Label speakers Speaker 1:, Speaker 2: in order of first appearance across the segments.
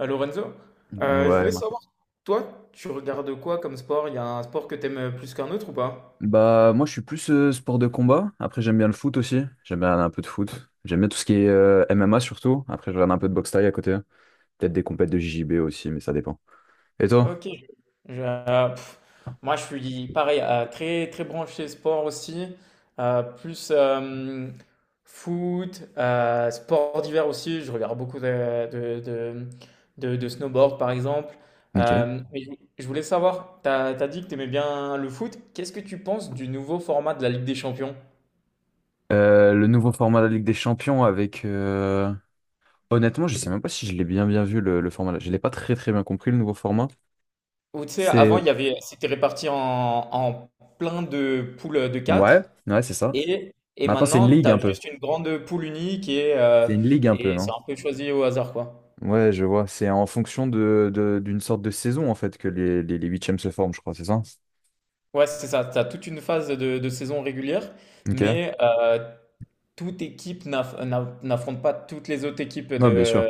Speaker 1: Lorenzo, je
Speaker 2: Ouais,
Speaker 1: voulais
Speaker 2: Marco.
Speaker 1: savoir, toi, tu regardes quoi comme sport? Il y a un sport que t'aimes plus qu'un autre ou pas?
Speaker 2: Bah, moi, je suis plus sport de combat. Après, j'aime bien le foot aussi. J'aime bien un peu de foot. J'aime bien tout ce qui est MMA surtout. Après, je regarde un peu de boxe thaï à côté. Peut-être des compètes de JJB aussi, mais ça dépend. Et toi?
Speaker 1: Ok. Je- euh, pff, Moi, je suis pareil, très très branché sport aussi, plus foot, sport d'hiver aussi. Je regarde beaucoup de snowboard par exemple.
Speaker 2: Ok.
Speaker 1: Mais je voulais savoir, t'as dit que t'aimais bien le foot. Qu'est-ce que tu penses du nouveau format de la Ligue des Champions?
Speaker 2: Le nouveau format de la Ligue des Champions avec. Honnêtement, je sais même pas si je l'ai bien bien vu le format. Je l'ai pas très très bien compris le nouveau format.
Speaker 1: Ou tu sais, avant, il
Speaker 2: C'est.
Speaker 1: y avait, c'était réparti en plein de poules de
Speaker 2: Ouais,
Speaker 1: quatre.
Speaker 2: ouais, c'est ça.
Speaker 1: Et
Speaker 2: Maintenant, c'est une
Speaker 1: maintenant, tu
Speaker 2: ligue
Speaker 1: as
Speaker 2: un peu.
Speaker 1: juste une grande poule unique et, euh,
Speaker 2: C'est une ligue un peu,
Speaker 1: et c'est
Speaker 2: non?
Speaker 1: un peu choisi au hasard, quoi.
Speaker 2: Ouais, je vois. C'est en fonction d'une sorte de saison, en fait, que les, les huitièmes se forment, je crois, c'est ça?
Speaker 1: Ouais, c'est ça. Tu as toute une phase de saison régulière,
Speaker 2: Ok.
Speaker 1: mais toute équipe n'affronte pas toutes les autres équipes
Speaker 2: Ouais, bien sûr.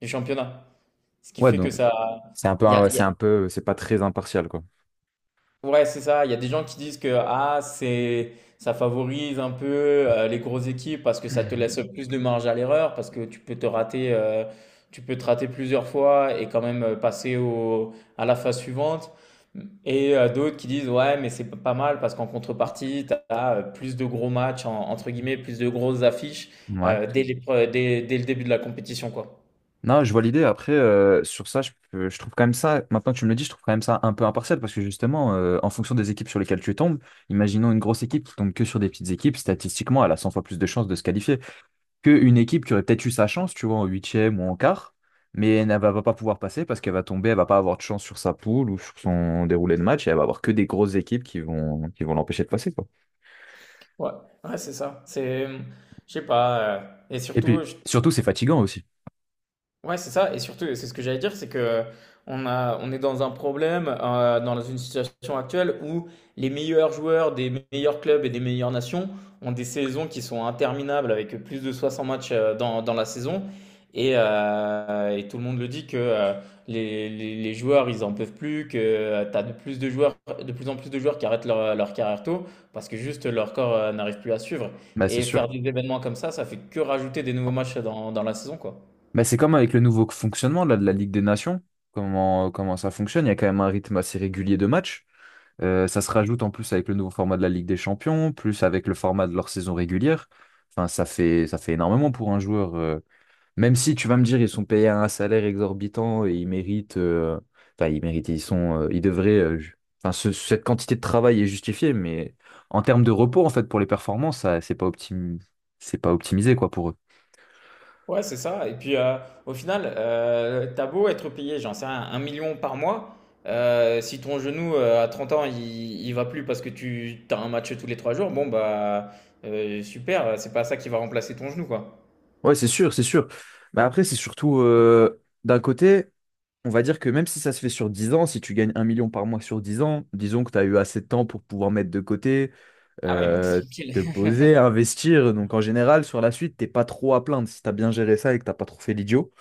Speaker 1: du championnat. Ce qui
Speaker 2: Ouais,
Speaker 1: fait que
Speaker 2: donc
Speaker 1: ça.
Speaker 2: c'est un peu,
Speaker 1: Il y a.
Speaker 2: ouais, c'est un peu, c'est pas très impartial, quoi.
Speaker 1: Ouais, c'est ça. Il y a des gens qui disent que ah, c'est ça favorise un peu les grosses équipes parce que ça te laisse plus de marge à l'erreur, parce que tu peux te rater plusieurs fois et quand même passer à la phase suivante. Et d'autres qui disent ouais, mais c'est pas mal parce qu'en contrepartie, tu as plus de gros matchs, entre guillemets, plus de grosses affiches
Speaker 2: Ouais.
Speaker 1: dès les pre- dès, dès le début de la compétition, quoi.
Speaker 2: Non, je vois l'idée. Après, sur ça, je trouve quand même ça, maintenant que tu me le dis, je trouve quand même ça un peu impartial parce que justement, en fonction des équipes sur lesquelles tu tombes, imaginons une grosse équipe qui tombe que sur des petites équipes, statistiquement, elle a 100 fois plus de chances de se qualifier. Qu'une équipe qui aurait peut-être eu sa chance, tu vois, en huitième ou en quart, mais elle ne va pas pouvoir passer parce qu'elle va tomber, elle va pas avoir de chance sur sa poule ou sur son déroulé de match, et elle va avoir que des grosses équipes qui vont l'empêcher de passer, quoi.
Speaker 1: Ouais, ouais, c'est ça. Je sais pas. Et
Speaker 2: Et
Speaker 1: surtout,
Speaker 2: puis,
Speaker 1: je
Speaker 2: surtout, c'est fatigant aussi.
Speaker 1: Ouais, c'est ça. Et surtout, c'est ce que j'allais dire, c'est que on est dans un problème, dans une situation actuelle où les meilleurs joueurs des meilleurs clubs et des meilleures nations ont des saisons qui sont interminables avec plus de 60 matchs dans la saison. Et tout le monde le dit que les joueurs, ils en peuvent plus, que tu as de plus de joueurs, de plus en plus de joueurs qui arrêtent leur carrière tôt parce que juste leur corps n'arrive plus à suivre.
Speaker 2: Bah, c'est
Speaker 1: Et
Speaker 2: sûr.
Speaker 1: faire des événements comme ça fait que rajouter des nouveaux matchs dans la saison, quoi.
Speaker 2: Bah, c'est comme avec le nouveau fonctionnement là, de la Ligue des Nations, comment ça fonctionne, il y a quand même un rythme assez régulier de match. Ça se rajoute en plus avec le nouveau format de la Ligue des Champions, plus avec le format de leur saison régulière. Enfin, ça fait énormément pour un joueur. Même si tu vas me dire, ils sont payés un salaire exorbitant et ils méritent, enfin ils méritent, ils sont, ils devraient, enfin cette quantité de travail est justifiée, mais en termes de repos en fait pour les performances, ça, c'est pas optimisé quoi pour eux.
Speaker 1: Ouais, c'est ça. Et puis, au final, t'as beau être payé, j'en sais rien, 1 million par mois, si ton genou à 30 ans, il va plus parce que tu as un match tous les 3 jours, bon, bah, super, c'est pas ça qui va remplacer ton genou, quoi.
Speaker 2: Ouais, c'est sûr, c'est sûr. Mais après, c'est surtout d'un côté. On va dire que même si ça se fait sur 10 ans, si tu gagnes 1 million par mois sur 10 ans, disons que tu as eu assez de temps pour pouvoir mettre de côté,
Speaker 1: Ah ouais, non, t'es
Speaker 2: euh,
Speaker 1: tranquille.
Speaker 2: te poser, investir. Donc en général, sur la suite, t'es pas trop à plaindre si tu as bien géré ça et que t'as pas trop fait l'idiot.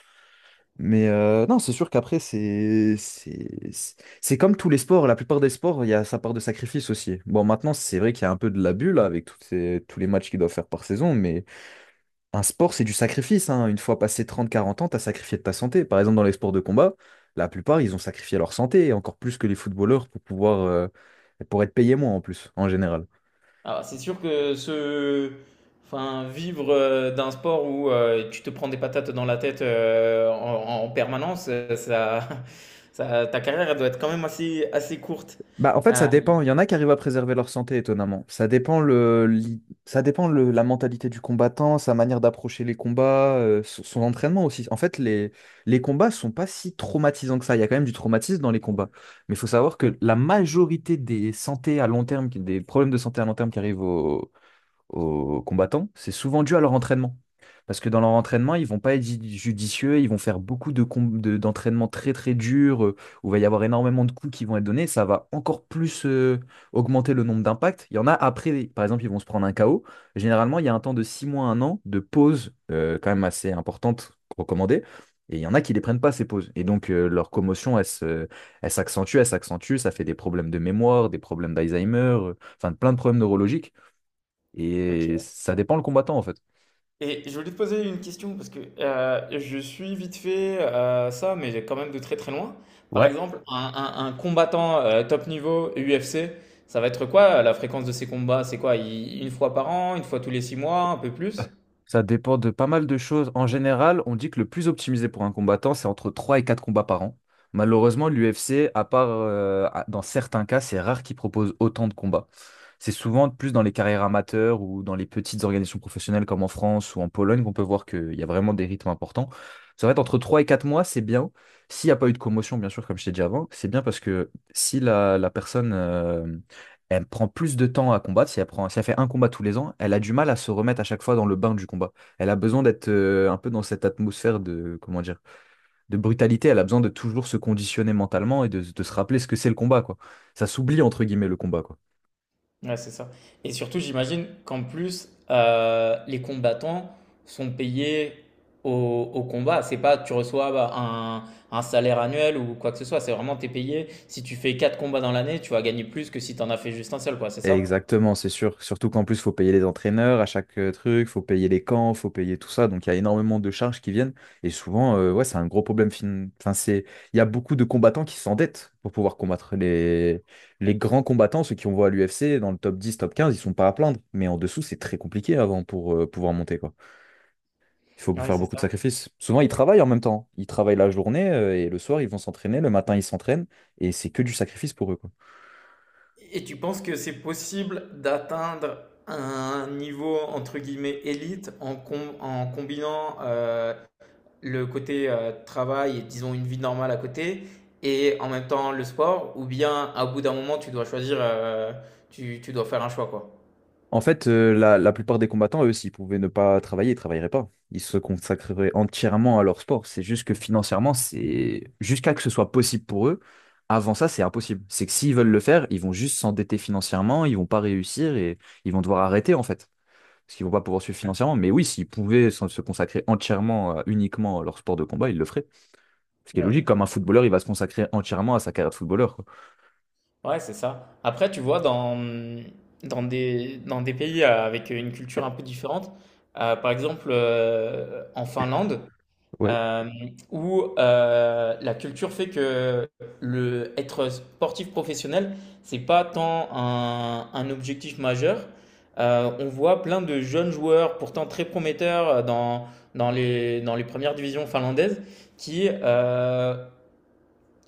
Speaker 2: Mais non, c'est sûr qu'après, c'est comme tous les sports. La plupart des sports, il y a sa part de sacrifice aussi. Bon, maintenant, c'est vrai qu'il y a un peu de l'abus là avec toutes tous les matchs qu'ils doivent faire par saison, mais un sport, c'est du sacrifice, hein. Une fois passé 30, 40 ans, t'as sacrifié de ta santé. Par exemple, dans les sports de combat, la plupart, ils ont sacrifié leur santé, et encore plus que les footballeurs pour pouvoir, pour être payés moins en plus, en général.
Speaker 1: Alors, c'est sûr Enfin, vivre d'un sport où tu te prends des patates dans la tête en permanence, ça, ta carrière elle doit être quand même assez courte.
Speaker 2: Bah, en fait, ça
Speaker 1: Euh,
Speaker 2: dépend. Il y en a qui arrivent à préserver leur santé, étonnamment. Ça dépend ça dépend la mentalité du combattant, sa manière d'approcher les combats, son entraînement aussi. En fait, les combats sont pas si traumatisants que ça. Il y a quand même du traumatisme dans les combats. Mais il faut savoir que la majorité des problèmes de santé à long terme qui arrivent aux combattants, c'est souvent dû à leur entraînement. Parce que dans leur entraînement, ils vont pas être judicieux, ils vont faire beaucoup de d'entraînements très très durs, où il va y avoir énormément de coups qui vont être donnés, ça va encore plus augmenter le nombre d'impacts. Il y en a après, par exemple, ils vont se prendre un KO. Généralement, il y a un temps de 6 mois, 1 an de pause quand même assez importante recommandée. Et il y en a qui ne les prennent pas ces pauses. Et donc leur commotion, elle s'accentue, ça fait des problèmes de mémoire, des problèmes d'Alzheimer, enfin plein de problèmes neurologiques. Et
Speaker 1: ok.
Speaker 2: ça dépend le combattant, en fait.
Speaker 1: Et je voulais te poser une question parce que je suis vite fait ça, mais j'ai quand même de très très loin. Par
Speaker 2: Ouais.
Speaker 1: exemple, un combattant top niveau UFC, ça va être quoi la fréquence de ses combats? C'est quoi? Une fois par an, une fois tous les 6 mois, un peu plus?
Speaker 2: Ça dépend de pas mal de choses. En général, on dit que le plus optimisé pour un combattant, c'est entre 3 et 4 combats par an. Malheureusement, l'UFC, à part dans certains cas, c'est rare qu'ils proposent autant de combats. C'est souvent plus dans les carrières amateurs ou dans les petites organisations professionnelles comme en France ou en Pologne qu'on peut voir qu'il y a vraiment des rythmes importants. Ça va être entre 3 et 4 mois, c'est bien. S'il n'y a pas eu de commotion, bien sûr, comme je t'ai dit avant, c'est bien parce que si la personne elle prend plus de temps à combattre. Si elle fait un combat tous les ans, elle a du mal à se remettre à chaque fois dans le bain du combat. Elle a besoin d'être un peu dans cette atmosphère comment dire, de brutalité. Elle a besoin de toujours se conditionner mentalement et de se rappeler ce que c'est le combat, quoi. Ça s'oublie, entre guillemets, le combat, quoi.
Speaker 1: Ouais, c'est ça. Et surtout, j'imagine qu'en plus, les combattants sont payés au combat. C'est pas tu reçois bah, un salaire annuel ou quoi que ce soit. C'est vraiment t'es payé. Si tu fais 4 combats dans l'année, tu vas gagner plus que si t'en as fait juste un seul, quoi. C'est ça?
Speaker 2: Exactement, c'est sûr. Surtout qu'en plus, faut payer les entraîneurs à chaque truc, faut payer les camps, faut payer tout ça. Donc, il y a énormément de charges qui viennent. Et souvent, ouais, c'est un gros problème. Enfin, c'est... Il y a beaucoup de combattants qui s'endettent pour pouvoir combattre les grands combattants, ceux qui on voit à l'UFC, dans le top 10, top 15, ils sont pas à plaindre. Mais en dessous, c'est très compliqué avant pour pouvoir monter, quoi. Il faut
Speaker 1: Ouais,
Speaker 2: faire
Speaker 1: c'est
Speaker 2: beaucoup de
Speaker 1: ça.
Speaker 2: sacrifices. Souvent, ils travaillent en même temps. Ils travaillent la journée et le soir, ils vont s'entraîner. Le matin, ils s'entraînent. Et c'est que du sacrifice pour eux, quoi.
Speaker 1: Et tu penses que c'est possible d'atteindre un niveau entre guillemets élite en combinant le côté travail et disons une vie normale à côté et en même temps le sport ou bien à bout d'un moment tu dois choisir, tu dois faire un choix quoi.
Speaker 2: En fait, la plupart des combattants, eux, s'ils pouvaient ne pas travailler, ils travailleraient pas. Ils se consacreraient entièrement à leur sport. C'est juste que financièrement, c'est jusqu'à que ce soit possible pour eux. Avant ça, c'est impossible. C'est que s'ils veulent le faire, ils vont juste s'endetter financièrement, ils vont pas réussir et ils vont devoir arrêter, en fait. Parce qu'ils vont pas pouvoir suivre financièrement. Mais oui, s'ils pouvaient se consacrer entièrement, uniquement à leur sport de combat, ils le feraient. Ce qui est
Speaker 1: Ouais,
Speaker 2: logique, comme un footballeur, il va se consacrer entièrement à sa carrière de footballeur, quoi.
Speaker 1: ouais, c'est ça. Après, tu vois, dans des pays avec une culture un peu différente, par exemple en Finlande.
Speaker 2: Ouais.
Speaker 1: Euh, Où la culture fait que le être sportif professionnel, c'est pas tant un objectif majeur. On voit plein de jeunes joueurs, pourtant très prometteurs dans les premières divisions finlandaises, qui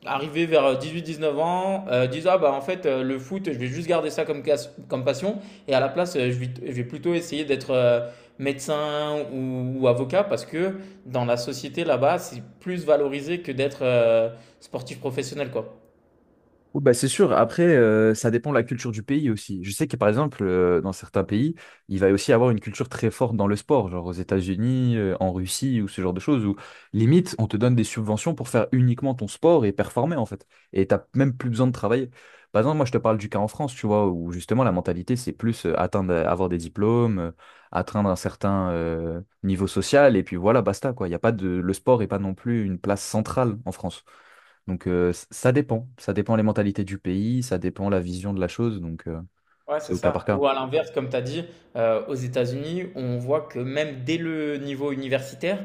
Speaker 1: arrivé vers 18-19 ans, disant ah bah en fait le foot, je vais juste garder ça comme passion, et à la place je vais plutôt essayer d'être médecin ou avocat parce que dans la société là-bas c'est plus valorisé que d'être sportif professionnel quoi.
Speaker 2: Oui, bah, c'est sûr. Après, ça dépend de la culture du pays aussi. Je sais que par exemple, dans certains pays, il va aussi avoir une culture très forte dans le sport, genre aux États-Unis, en Russie ou ce genre de choses, où limite, on te donne des subventions pour faire uniquement ton sport et performer en fait. Et t'as même plus besoin de travailler. Par exemple, moi, je te parle du cas en France, tu vois, où justement la mentalité, c'est plus atteindre, avoir des diplômes, atteindre un certain niveau social, et puis voilà, basta, quoi. Il y a pas de... Le sport n'est pas non plus une place centrale en France. Donc ça dépend les mentalités du pays, ça dépend la vision de la chose, donc
Speaker 1: Ouais,
Speaker 2: c'est
Speaker 1: c'est
Speaker 2: au cas par
Speaker 1: ça.
Speaker 2: cas.
Speaker 1: Ou à l'inverse, comme tu as dit, aux États-Unis, on voit que même dès le niveau universitaire,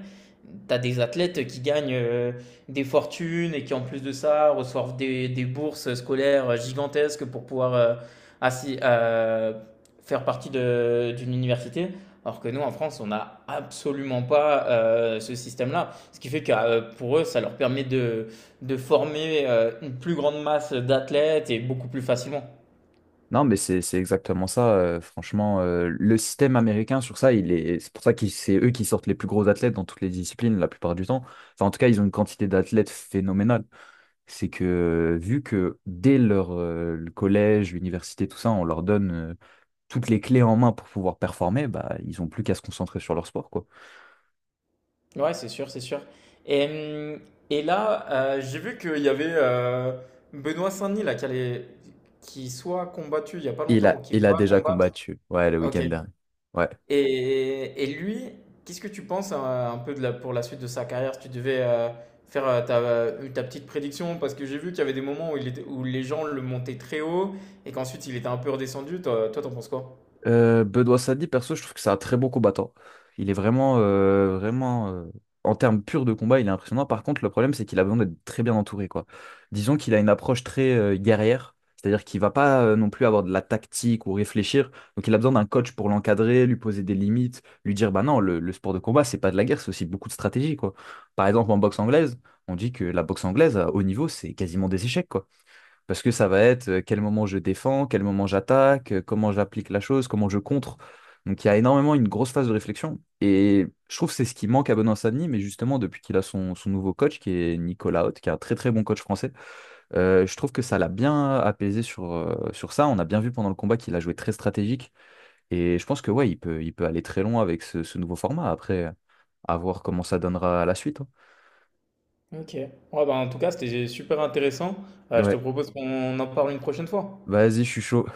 Speaker 1: tu as des athlètes qui gagnent des fortunes et qui, en plus de ça, reçoivent des bourses scolaires gigantesques pour pouvoir, assi faire partie de d'une université. Alors que nous, en France, on n'a absolument pas, ce système-là. Ce qui fait que, pour eux, ça leur permet de former, une plus grande masse d'athlètes et beaucoup plus facilement.
Speaker 2: Non, mais c'est exactement ça. Franchement, le système américain sur ça, c'est pour ça que c'est eux qui sortent les plus gros athlètes dans toutes les disciplines la plupart du temps. Enfin, en tout cas, ils ont une quantité d'athlètes phénoménale. C'est que vu que dès leur le collège, l'université, tout ça, on leur donne toutes les clés en main pour pouvoir performer, bah ils ont plus qu'à se concentrer sur leur sport, quoi.
Speaker 1: Ouais, c'est sûr, c'est sûr. Et, hum, et là, j'ai vu qu'il y avait Benoît Saint-Denis là, qui soit combattu il y a pas
Speaker 2: Il
Speaker 1: longtemps ou
Speaker 2: a,
Speaker 1: qui
Speaker 2: il a
Speaker 1: va
Speaker 2: déjà
Speaker 1: combattre.
Speaker 2: combattu, ouais, le
Speaker 1: Ok.
Speaker 2: week-end dernier. Ouais.
Speaker 1: Et lui, qu'est-ce que tu penses un peu pour la suite de sa carrière? Si tu devais faire ta petite prédiction, parce que j'ai vu qu'il y avait des moments où les gens le montaient très haut et qu'ensuite il était un peu redescendu. Toi, toi, t'en penses quoi?
Speaker 2: Bedoya Sadi, perso, je trouve que c'est un très bon combattant. Il est vraiment, vraiment, en termes purs de combat, il est impressionnant. Par contre, le problème, c'est qu'il a besoin d'être très bien entouré, quoi. Disons qu'il a une approche très guerrière, c'est-à-dire qu'il va pas non plus avoir de la tactique ou réfléchir. Donc, il a besoin d'un coach pour l'encadrer, lui poser des limites, lui dire, bah non, le sport de combat, c'est pas de la guerre, c'est aussi beaucoup de stratégie, quoi. Par exemple, en boxe anglaise, on dit que la boxe anglaise à haut niveau, c'est quasiment des échecs, quoi. Parce que ça va être quel moment je défends, quel moment j'attaque, comment j'applique la chose, comment je contre. Donc il y a énormément une grosse phase de réflexion. Et je trouve que c'est ce qui manque à Benoît Savigny, mais justement depuis qu'il a son nouveau coach, qui est Nicolas Haute, qui est un très très bon coach français, je trouve que ça l'a bien apaisé sur ça. On a bien vu pendant le combat qu'il a joué très stratégique. Et je pense que ouais, il peut aller très loin avec ce nouveau format. Après, à voir comment ça donnera à la suite, hein.
Speaker 1: Ok. Ouais, bah, en tout cas, c'était super intéressant. Je te
Speaker 2: Ouais,
Speaker 1: propose qu'on en parle une prochaine fois.
Speaker 2: vas-y, je suis chaud.